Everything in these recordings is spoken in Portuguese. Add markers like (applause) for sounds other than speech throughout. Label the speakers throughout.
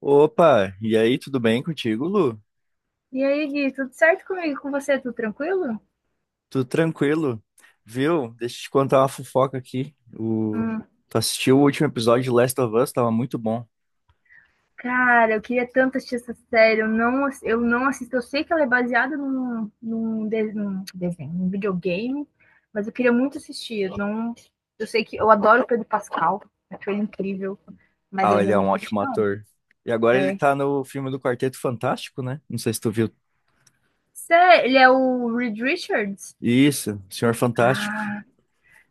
Speaker 1: Opa, e aí, tudo bem contigo, Lu?
Speaker 2: E aí, Gui, tudo certo comigo? Com você? Tudo tranquilo?
Speaker 1: Tudo tranquilo? Viu? Deixa eu te contar uma fofoca aqui. O...
Speaker 2: Hum,
Speaker 1: Tu assistiu o último episódio de Last of Us? Tava muito bom.
Speaker 2: cara, eu queria tanto assistir essa série. Eu não assisto. Eu sei que ela é baseada num desenho, num videogame, mas eu queria muito assistir. Eu, não, eu sei que eu adoro o Pedro Pascal, acho ele incrível, mas eu
Speaker 1: Ah, ele
Speaker 2: ainda
Speaker 1: é
Speaker 2: não
Speaker 1: um
Speaker 2: assisti,
Speaker 1: ótimo
Speaker 2: não.
Speaker 1: ator. E agora ele
Speaker 2: É.
Speaker 1: tá no filme do Quarteto Fantástico, né? Não sei se tu viu.
Speaker 2: Cê- Ele é o Reed Richards?
Speaker 1: Isso, Senhor Fantástico.
Speaker 2: Ah,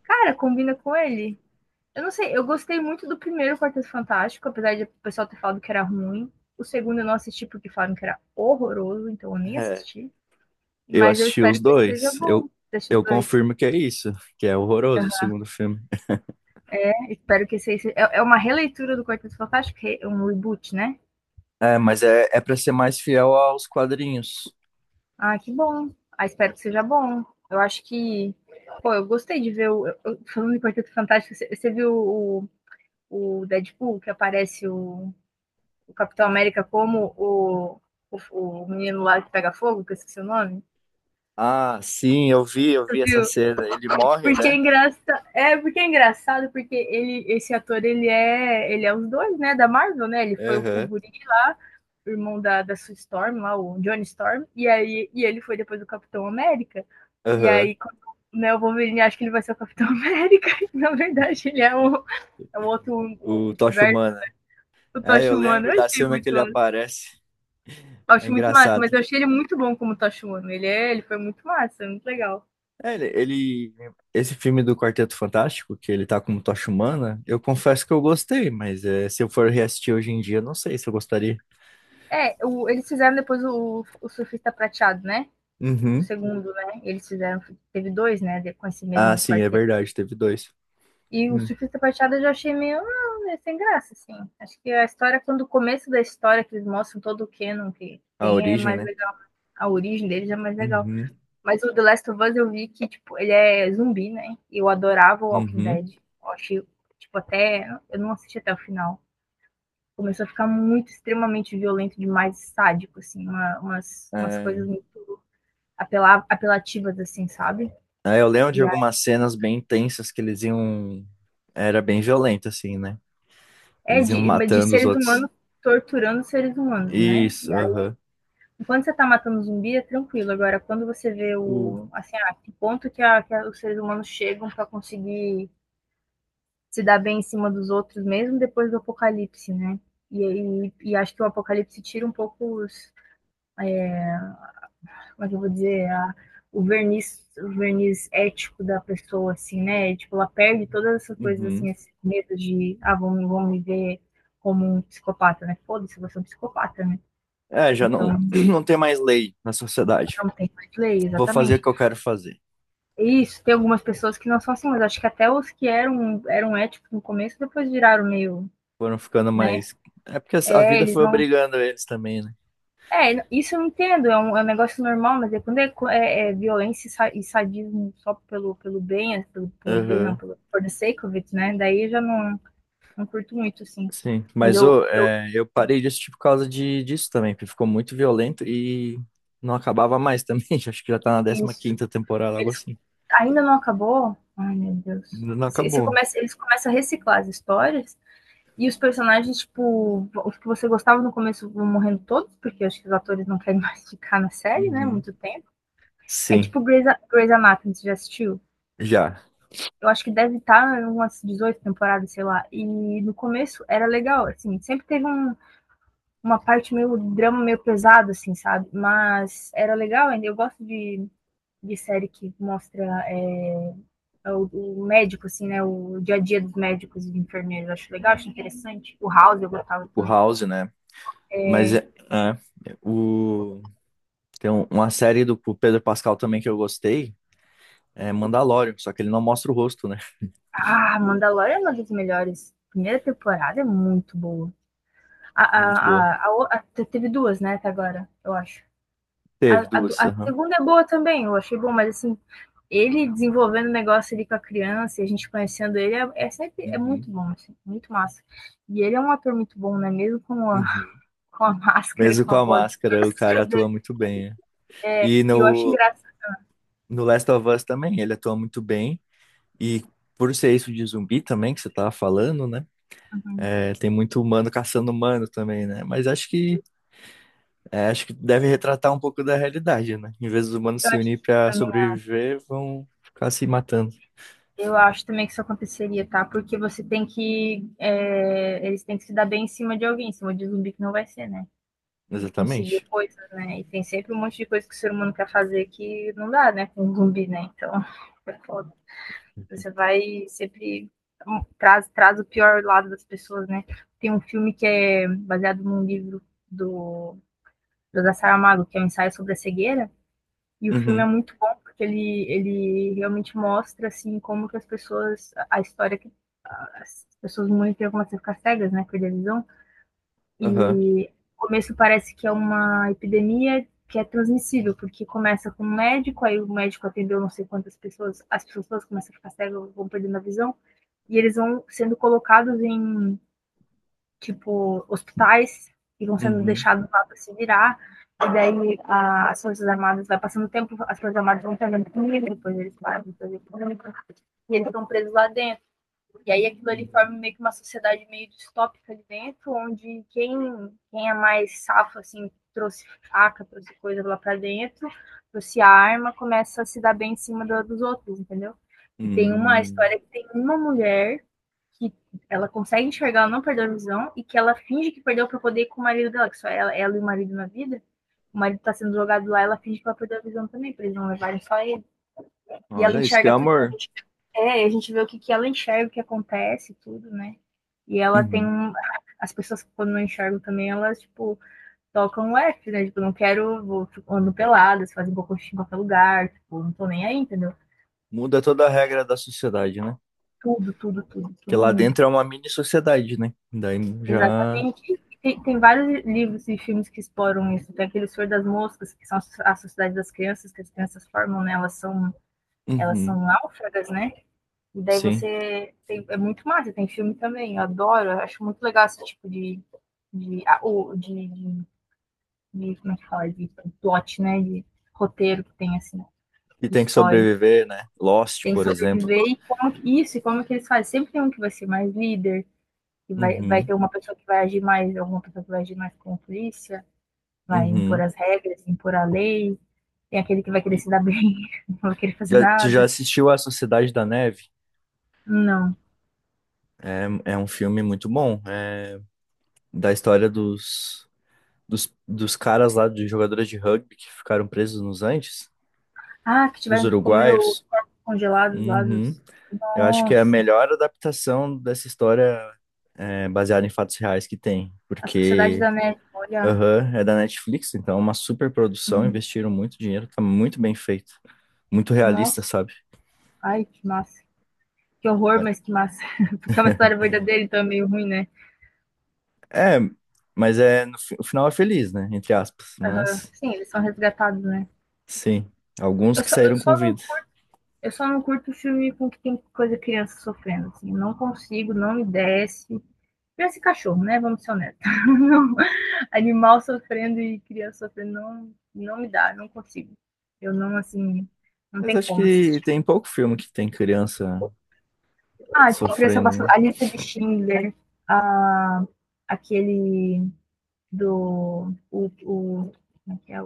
Speaker 2: cara, combina com ele. Eu não sei, eu gostei muito do primeiro Quarteto Fantástico, apesar de o pessoal ter falado que era ruim. O segundo eu não assisti porque falaram que era horroroso, então eu nem
Speaker 1: É,
Speaker 2: assisti.
Speaker 1: eu
Speaker 2: Mas eu
Speaker 1: assisti
Speaker 2: espero
Speaker 1: os
Speaker 2: que esse seja
Speaker 1: dois.
Speaker 2: bom, desses
Speaker 1: Eu
Speaker 2: dois.
Speaker 1: confirmo que é isso, que é horroroso o
Speaker 2: Uhum.
Speaker 1: segundo filme.
Speaker 2: Espero que esse, é uma releitura do Quarteto Fantástico, um reboot, né?
Speaker 1: É, mas é, é pra ser mais fiel aos quadrinhos.
Speaker 2: Ah, que bom. Ah, espero que seja bom. Eu acho que. Pô, eu gostei de ver o. Falando de Quarteto Fantástico, você viu o Deadpool, que aparece o Capitão América como o menino lá que pega fogo, que eu esqueci o nome,
Speaker 1: Ah, sim, eu vi essa
Speaker 2: viu?
Speaker 1: cena. Ele morre,
Speaker 2: Porque é
Speaker 1: né?
Speaker 2: engraçado, é porque é engraçado porque ele, esse ator, ele é os dois, né, da Marvel, né? Ele foi o
Speaker 1: Aham,
Speaker 2: guri lá, o irmão da Sue Storm lá, o Johnny Storm, e aí ele foi depois o Capitão América. E
Speaker 1: aham.
Speaker 2: aí quando, né, o Wolverine acha que ele vai ser o Capitão (laughs) América, e na verdade ele é é o outro, o
Speaker 1: O Tocha
Speaker 2: multiverso
Speaker 1: Humana.
Speaker 2: do
Speaker 1: É, eu
Speaker 2: Tocha Humana.
Speaker 1: lembro
Speaker 2: Eu
Speaker 1: da
Speaker 2: achei
Speaker 1: cena que
Speaker 2: muito.
Speaker 1: ele aparece.
Speaker 2: Eu
Speaker 1: É
Speaker 2: acho muito massa,
Speaker 1: engraçado.
Speaker 2: mas eu achei ele muito bom como Tachimono. Ele foi muito massa, muito legal.
Speaker 1: É, ele, ele- Esse filme do Quarteto Fantástico, que ele tá como Tocha Humana, eu confesso que eu gostei, mas é, se eu for reassistir hoje em dia, não sei se eu gostaria.
Speaker 2: É, eles fizeram depois o Surfista Prateado, né? O
Speaker 1: Uhum.
Speaker 2: segundo, né? Eles fizeram, teve dois, né? Com esse
Speaker 1: Ah,
Speaker 2: mesmo
Speaker 1: sim, é
Speaker 2: quarteto aí.
Speaker 1: verdade, teve dois.
Speaker 2: E o
Speaker 1: Hum.
Speaker 2: Surfista Prateado eu já achei meio é sem graça, assim. Acho que a história, quando o começo da história, que eles mostram todo o canon que
Speaker 1: A
Speaker 2: tem, é
Speaker 1: origem,
Speaker 2: mais
Speaker 1: né?
Speaker 2: legal. A origem deles é mais legal.
Speaker 1: Uhum.
Speaker 2: Mas o The Last of Us eu vi que, tipo, ele é zumbi, né? E eu adorava o Walking
Speaker 1: Uhum.
Speaker 2: Dead. Eu achei, tipo, até. Eu não assisti até o final. Começou a ficar muito, extremamente violento, demais sádico, assim, umas
Speaker 1: É,
Speaker 2: coisas muito apelativas, assim, sabe?
Speaker 1: é, eu lembro de
Speaker 2: E aí,
Speaker 1: algumas cenas bem intensas que eles iam. Era bem violento, assim, né?
Speaker 2: é
Speaker 1: Eles iam
Speaker 2: de
Speaker 1: matando os
Speaker 2: seres
Speaker 1: outros.
Speaker 2: humanos torturando seres humanos, né?
Speaker 1: Isso,
Speaker 2: E aí,
Speaker 1: aham.
Speaker 2: enquanto você tá matando zumbi, é tranquilo. Agora, quando você vê o, assim, ah, que ponto que, a, os seres humanos chegam para conseguir se dar bem em cima dos outros, mesmo depois do apocalipse, né? E, e acho que o apocalipse tira um pouco os, como é que eu vou dizer, a, o verniz ético da pessoa, assim, né? Tipo, ela perde todas essas coisas,
Speaker 1: Uhum.
Speaker 2: assim, esse medo de, ah, vão me ver como um psicopata, né? Foda-se, você é um psicopata, né?
Speaker 1: É, já não,
Speaker 2: Então,
Speaker 1: (clears throat) não tem mais lei na sociedade.
Speaker 2: não tem mais lei,
Speaker 1: Vou fazer o
Speaker 2: exatamente.
Speaker 1: que eu quero fazer.
Speaker 2: E isso, tem algumas pessoas que não são assim, mas acho que até os que eram, éticos no começo, depois viraram meio,
Speaker 1: Foram ficando
Speaker 2: né?
Speaker 1: mais. É porque a
Speaker 2: É,
Speaker 1: vida
Speaker 2: eles
Speaker 1: foi
Speaker 2: não.
Speaker 1: obrigando eles também, né?
Speaker 2: É, isso eu entendo, é um negócio normal, mas é quando é, é violência e e sadismo só pelo, pelo bem, é, pelo, pelo bem não,
Speaker 1: Aham.
Speaker 2: pelo, for the sake of it, né? Daí eu já não curto muito, assim.
Speaker 1: Sim.
Speaker 2: Mas
Speaker 1: Mas ô,
Speaker 2: eu
Speaker 1: é, eu parei de tipo por causa de, disso também, porque ficou muito violento e não acabava mais também. (laughs) Acho que já tá na décima
Speaker 2: isso,
Speaker 1: quinta temporada, algo
Speaker 2: eles
Speaker 1: assim.
Speaker 2: ainda não acabou. Ai, meu Deus.
Speaker 1: Ainda não
Speaker 2: Você
Speaker 1: acabou.
Speaker 2: começa, eles começam a reciclar as histórias e os personagens, tipo, os que você gostava no começo vão morrendo todos, porque eu acho que os atores não querem (laughs) mais ficar na série, né?
Speaker 1: Uhum.
Speaker 2: Muito tempo. É
Speaker 1: Sim,
Speaker 2: tipo Grey's Anatomy, você já assistiu?
Speaker 1: já.
Speaker 2: Eu acho que deve estar em umas 18 temporadas, sei lá. E no começo era legal, assim, sempre teve uma parte meio drama, meio pesado, assim, sabe? Mas era legal ainda. Eu gosto de série que mostra é, o, médico, assim, né? O dia a dia dos médicos e de enfermeiros. Eu acho legal, acho interessante. O House eu gostava
Speaker 1: Tipo
Speaker 2: também.
Speaker 1: House, né? Mas é, é, o... tem uma série do Pedro Pascal também que eu gostei. É Mandalorian, só que ele não mostra o rosto, né? (laughs)
Speaker 2: Ah, Mandalorian é uma das melhores. Primeira temporada é muito boa. A, a,
Speaker 1: Muito boa.
Speaker 2: a, a Teve duas, né, até agora, eu acho. A,
Speaker 1: Teve
Speaker 2: a
Speaker 1: duas,
Speaker 2: a
Speaker 1: aham.
Speaker 2: segunda é boa também, eu achei bom, mas assim, ele desenvolvendo o negócio ali com a criança, a gente conhecendo ele, é sempre é
Speaker 1: Uhum,
Speaker 2: muito bom, assim, muito massa. E ele é um ator muito bom, né? Mesmo
Speaker 1: uhum.
Speaker 2: com a (laughs) máscara,
Speaker 1: Mesmo
Speaker 2: com
Speaker 1: com
Speaker 2: a
Speaker 1: a
Speaker 2: voz
Speaker 1: máscara, o cara
Speaker 2: distorcida.
Speaker 1: atua muito bem. Né?
Speaker 2: É,
Speaker 1: E
Speaker 2: e eu acho
Speaker 1: no,
Speaker 2: engraçado.
Speaker 1: no Last of Us também, ele atua muito bem. E por ser isso de zumbi também, que você tava falando, né?
Speaker 2: Né?
Speaker 1: É, tem muito humano caçando humano também, né? Mas acho que, é, acho que deve retratar um pouco da realidade, né? Em vez dos humanos
Speaker 2: Eu
Speaker 1: se
Speaker 2: acho
Speaker 1: unir
Speaker 2: que eu
Speaker 1: pra
Speaker 2: também,
Speaker 1: sobreviver, vão ficar se matando.
Speaker 2: eu acho também que isso aconteceria, tá? Porque você tem que. Eles têm que se dar bem em cima de alguém, em cima de zumbi que não vai ser, né? E conseguir
Speaker 1: Exatamente.
Speaker 2: coisas, né? E tem sempre um monte de coisa que o ser humano quer fazer que não dá, né? Com um zumbi, né? Então, é foda. Você vai sempre. Traz o pior lado das pessoas, né? Tem um filme que é baseado num livro do José Saramago, que é um ensaio sobre a cegueira, e o filme é
Speaker 1: Uhum,
Speaker 2: muito bom porque ele realmente mostra assim como que as pessoas, a história que as pessoas muito têm como a ficar cegas, né, perder a visão,
Speaker 1: aham,
Speaker 2: e no começo parece que é uma epidemia que é transmissível, porque começa com um médico, aí o médico atendeu não sei quantas pessoas, as pessoas começam a ficar cegas, vão perdendo a visão, e eles vão sendo colocados em, tipo, hospitais, e vão sendo
Speaker 1: uhum,
Speaker 2: deixados lá para se virar, e daí as Forças Armadas, vai passando o tempo, as Forças Armadas vão pegando comida, depois eles param de fazer comida, e eles estão presos lá dentro, e aí aquilo ali
Speaker 1: uhum.
Speaker 2: forma meio que uma sociedade meio distópica ali dentro, onde quem, quem é mais safo, assim, trouxe faca, trouxe coisa lá pra dentro, trouxe arma, começa a se dar bem em cima dos outros, entendeu? E tem uma
Speaker 1: Hum.
Speaker 2: história que tem uma mulher que ela consegue enxergar, ela não perdeu a visão, e que ela finge que perdeu pra poder ir com o marido dela, que só ela, ela e o marido na vida. O marido tá sendo jogado lá, ela finge que ela perdeu a visão também, pra eles não levarem só ele. E ela
Speaker 1: Olha isso que é
Speaker 2: enxerga tudo.
Speaker 1: amor.
Speaker 2: A gente vê o que, que ela enxerga, o que acontece, tudo, né? E ela tem.
Speaker 1: Uhum.
Speaker 2: Um. As pessoas que quando não enxergam também, elas, tipo, tocam o F, né? Tipo, não quero, vou, ando peladas, fazem cocô em qualquer lugar, tipo, não tô nem aí, entendeu?
Speaker 1: Muda toda a regra da sociedade, né?
Speaker 2: Tudo, tudo, tudo,
Speaker 1: Porque
Speaker 2: todo
Speaker 1: lá
Speaker 2: mundo.
Speaker 1: dentro é uma mini sociedade, né? Daí já,
Speaker 2: Exatamente. Tem vários livros e filmes que exploram isso. Tem aquele Senhor das Moscas, que são a sociedade das crianças, que as crianças formam, né? Elas
Speaker 1: uhum.
Speaker 2: são náufragas, né? E daí
Speaker 1: Sim,
Speaker 2: você tem, é muito massa, tem filme também, eu adoro, eu acho muito legal esse tipo de, ah, de, de, de- como é que fala, de plot, né, de roteiro que tem, assim,
Speaker 1: e
Speaker 2: de
Speaker 1: tem que
Speaker 2: história.
Speaker 1: sobreviver, né? Lost,
Speaker 2: Tem que
Speaker 1: por exemplo.
Speaker 2: sobreviver e isso, e como que eles fazem. Sempre tem um que vai ser mais líder, que vai
Speaker 1: Uhum.
Speaker 2: ter uma pessoa que vai agir mais, alguma pessoa que vai agir mais como polícia, vai impor
Speaker 1: Uhum.
Speaker 2: as regras, impor a lei, tem aquele que vai querer
Speaker 1: E
Speaker 2: se dar bem, (laughs) não vai querer fazer
Speaker 1: já, tu já
Speaker 2: nada.
Speaker 1: assistiu A Sociedade da Neve?
Speaker 2: Não.
Speaker 1: É, é um filme muito bom. É da história dos, dos, dos caras lá, dos jogadores de rugby que ficaram presos nos Andes,
Speaker 2: Ah, que
Speaker 1: os
Speaker 2: tiveram que comer os
Speaker 1: uruguaios.
Speaker 2: corpos congelados lá
Speaker 1: Uhum.
Speaker 2: dos.
Speaker 1: Eu acho que é a
Speaker 2: Nossa,
Speaker 1: melhor adaptação dessa história é, baseada em fatos reais que tem,
Speaker 2: a Sociedade
Speaker 1: porque
Speaker 2: da Neve, olha.
Speaker 1: aham, é da Netflix, então é uma super produção,
Speaker 2: Uhum.
Speaker 1: investiram muito dinheiro, tá muito bem feito, muito realista,
Speaker 2: Nossa,
Speaker 1: sabe?
Speaker 2: ai, que massa. Que horror, mas que massa. (laughs) Porque é uma história verdadeira, então é meio ruim, né?
Speaker 1: É, mas é no o final é feliz, né? Entre aspas,
Speaker 2: Aham.
Speaker 1: mas
Speaker 2: Sim, eles são resgatados, né?
Speaker 1: sim, alguns
Speaker 2: Eu
Speaker 1: que
Speaker 2: só, eu
Speaker 1: saíram com
Speaker 2: só não
Speaker 1: vida.
Speaker 2: curto, eu só não curto filme com que tem coisa criança sofrendo, assim. Eu não consigo, não me desce. Esse cachorro, né? Vamos ser honestos. (laughs) Animal sofrendo e criança sofrendo não, me dá, não consigo. Eu não, assim, não
Speaker 1: Mas
Speaker 2: tem
Speaker 1: acho
Speaker 2: como
Speaker 1: que
Speaker 2: assistir.
Speaker 1: tem pouco filme que tem criança
Speaker 2: Ah, tipo, criança
Speaker 1: sofrendo,
Speaker 2: passou
Speaker 1: né?
Speaker 2: a lista de Schindler, a, aquele do. O, como é que é?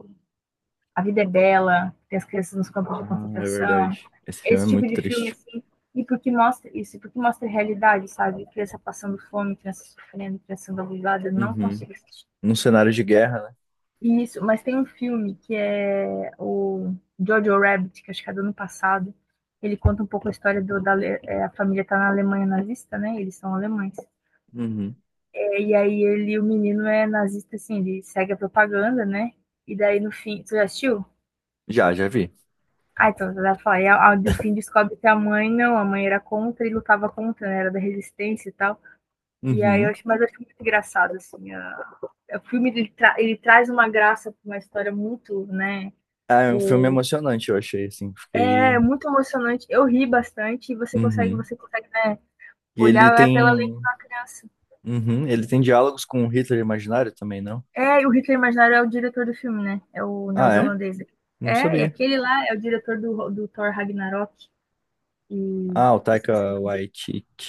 Speaker 2: A Vida é Bela, tem as crianças nos campos de
Speaker 1: Ah, é
Speaker 2: concentração.
Speaker 1: verdade. Esse filme é
Speaker 2: Esse tipo
Speaker 1: muito
Speaker 2: de filme,
Speaker 1: triste.
Speaker 2: assim, e porque mostra isso, porque mostra a realidade, sabe? Criança passando fome, criança sofrendo, criança sendo abusada, não
Speaker 1: Uhum.
Speaker 2: consigo assistir.
Speaker 1: Num cenário de guerra, né?
Speaker 2: Isso, mas tem um filme que é o Jojo Rabbit, que acho que é do ano passado. Ele conta um pouco a história do, da Ale- é, a família tá na Alemanha nazista, né? Eles são alemães.
Speaker 1: Uhum.
Speaker 2: É, e aí ele, o menino é nazista, assim, ele segue a propaganda, né? E daí no fim, você já assistiu?
Speaker 1: Já, já vi.
Speaker 2: Ah, então você vai falar. E no fim descobre que a mãe não, a mãe era contra e lutava contra, né? Era da resistência e tal. E aí eu
Speaker 1: Uhum.
Speaker 2: acho, mas eu acho muito engraçado, assim. O filme ele, ele traz uma graça pra uma história muito, né?
Speaker 1: Ah, é um filme
Speaker 2: O
Speaker 1: emocionante, eu achei, assim,
Speaker 2: é
Speaker 1: fiquei...
Speaker 2: muito emocionante. Eu ri bastante e você consegue,
Speaker 1: Uhum.
Speaker 2: né,
Speaker 1: E ele
Speaker 2: olhar é pela lente
Speaker 1: tem...
Speaker 2: da criança.
Speaker 1: Uhum. Ele tem diálogos com o Hitler imaginário também, não?
Speaker 2: É, e o Hitler Imaginário é o diretor do filme, né? É o
Speaker 1: Ah, é?
Speaker 2: neozelandês.
Speaker 1: Não
Speaker 2: É, e
Speaker 1: sabia.
Speaker 2: aquele lá é o diretor do Thor Ragnarok. E
Speaker 1: Ah, o
Speaker 2: esqueci o
Speaker 1: Taika
Speaker 2: nome dele.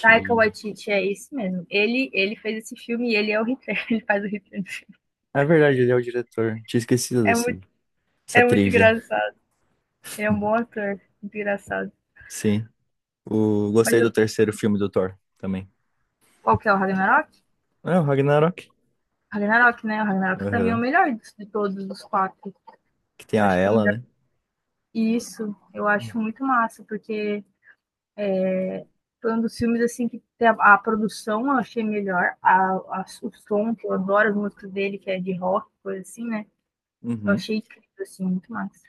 Speaker 2: Taika Waititi, é esse mesmo. Ele fez esse filme e ele é o Hitler. (laughs) Ele faz o Hitler.
Speaker 1: É verdade, ele é o diretor. Tinha esquecido
Speaker 2: É
Speaker 1: desse...
Speaker 2: muito,
Speaker 1: Essa
Speaker 2: é muito
Speaker 1: trivia.
Speaker 2: engraçado. Ele é um bom ator. Muito engraçado.
Speaker 1: Sim. O...
Speaker 2: Mas
Speaker 1: Gostei
Speaker 2: eu,
Speaker 1: do terceiro filme do Thor também.
Speaker 2: qual que é o Ragnarok?
Speaker 1: É, o Ragnarok.
Speaker 2: Ragnarok, né? O Ragnarok também é o
Speaker 1: Aham.
Speaker 2: melhor de todos os quatro.
Speaker 1: Que tem
Speaker 2: Eu
Speaker 1: a
Speaker 2: acho que é o.
Speaker 1: Ela, né?
Speaker 2: Isso, eu acho muito massa, porque foi um dos filmes assim que a produção eu achei melhor, o som, que eu adoro as músicas dele, que é de rock, coisa assim, né? Eu
Speaker 1: Uhum.
Speaker 2: achei incrível, assim, muito massa.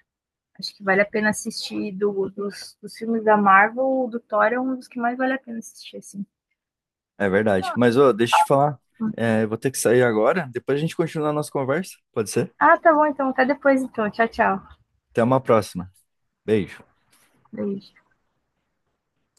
Speaker 2: Acho que vale a pena assistir dos filmes da Marvel, o do Thor é um dos que mais vale a pena assistir, assim.
Speaker 1: É verdade. Mas, ô, deixa eu te falar. É, eu vou ter que sair agora. Depois a gente continua a nossa conversa. Pode ser?
Speaker 2: Ah, tá bom, então. Até depois, então. Tchau, tchau.
Speaker 1: Até uma próxima. Beijo.
Speaker 2: Beijo.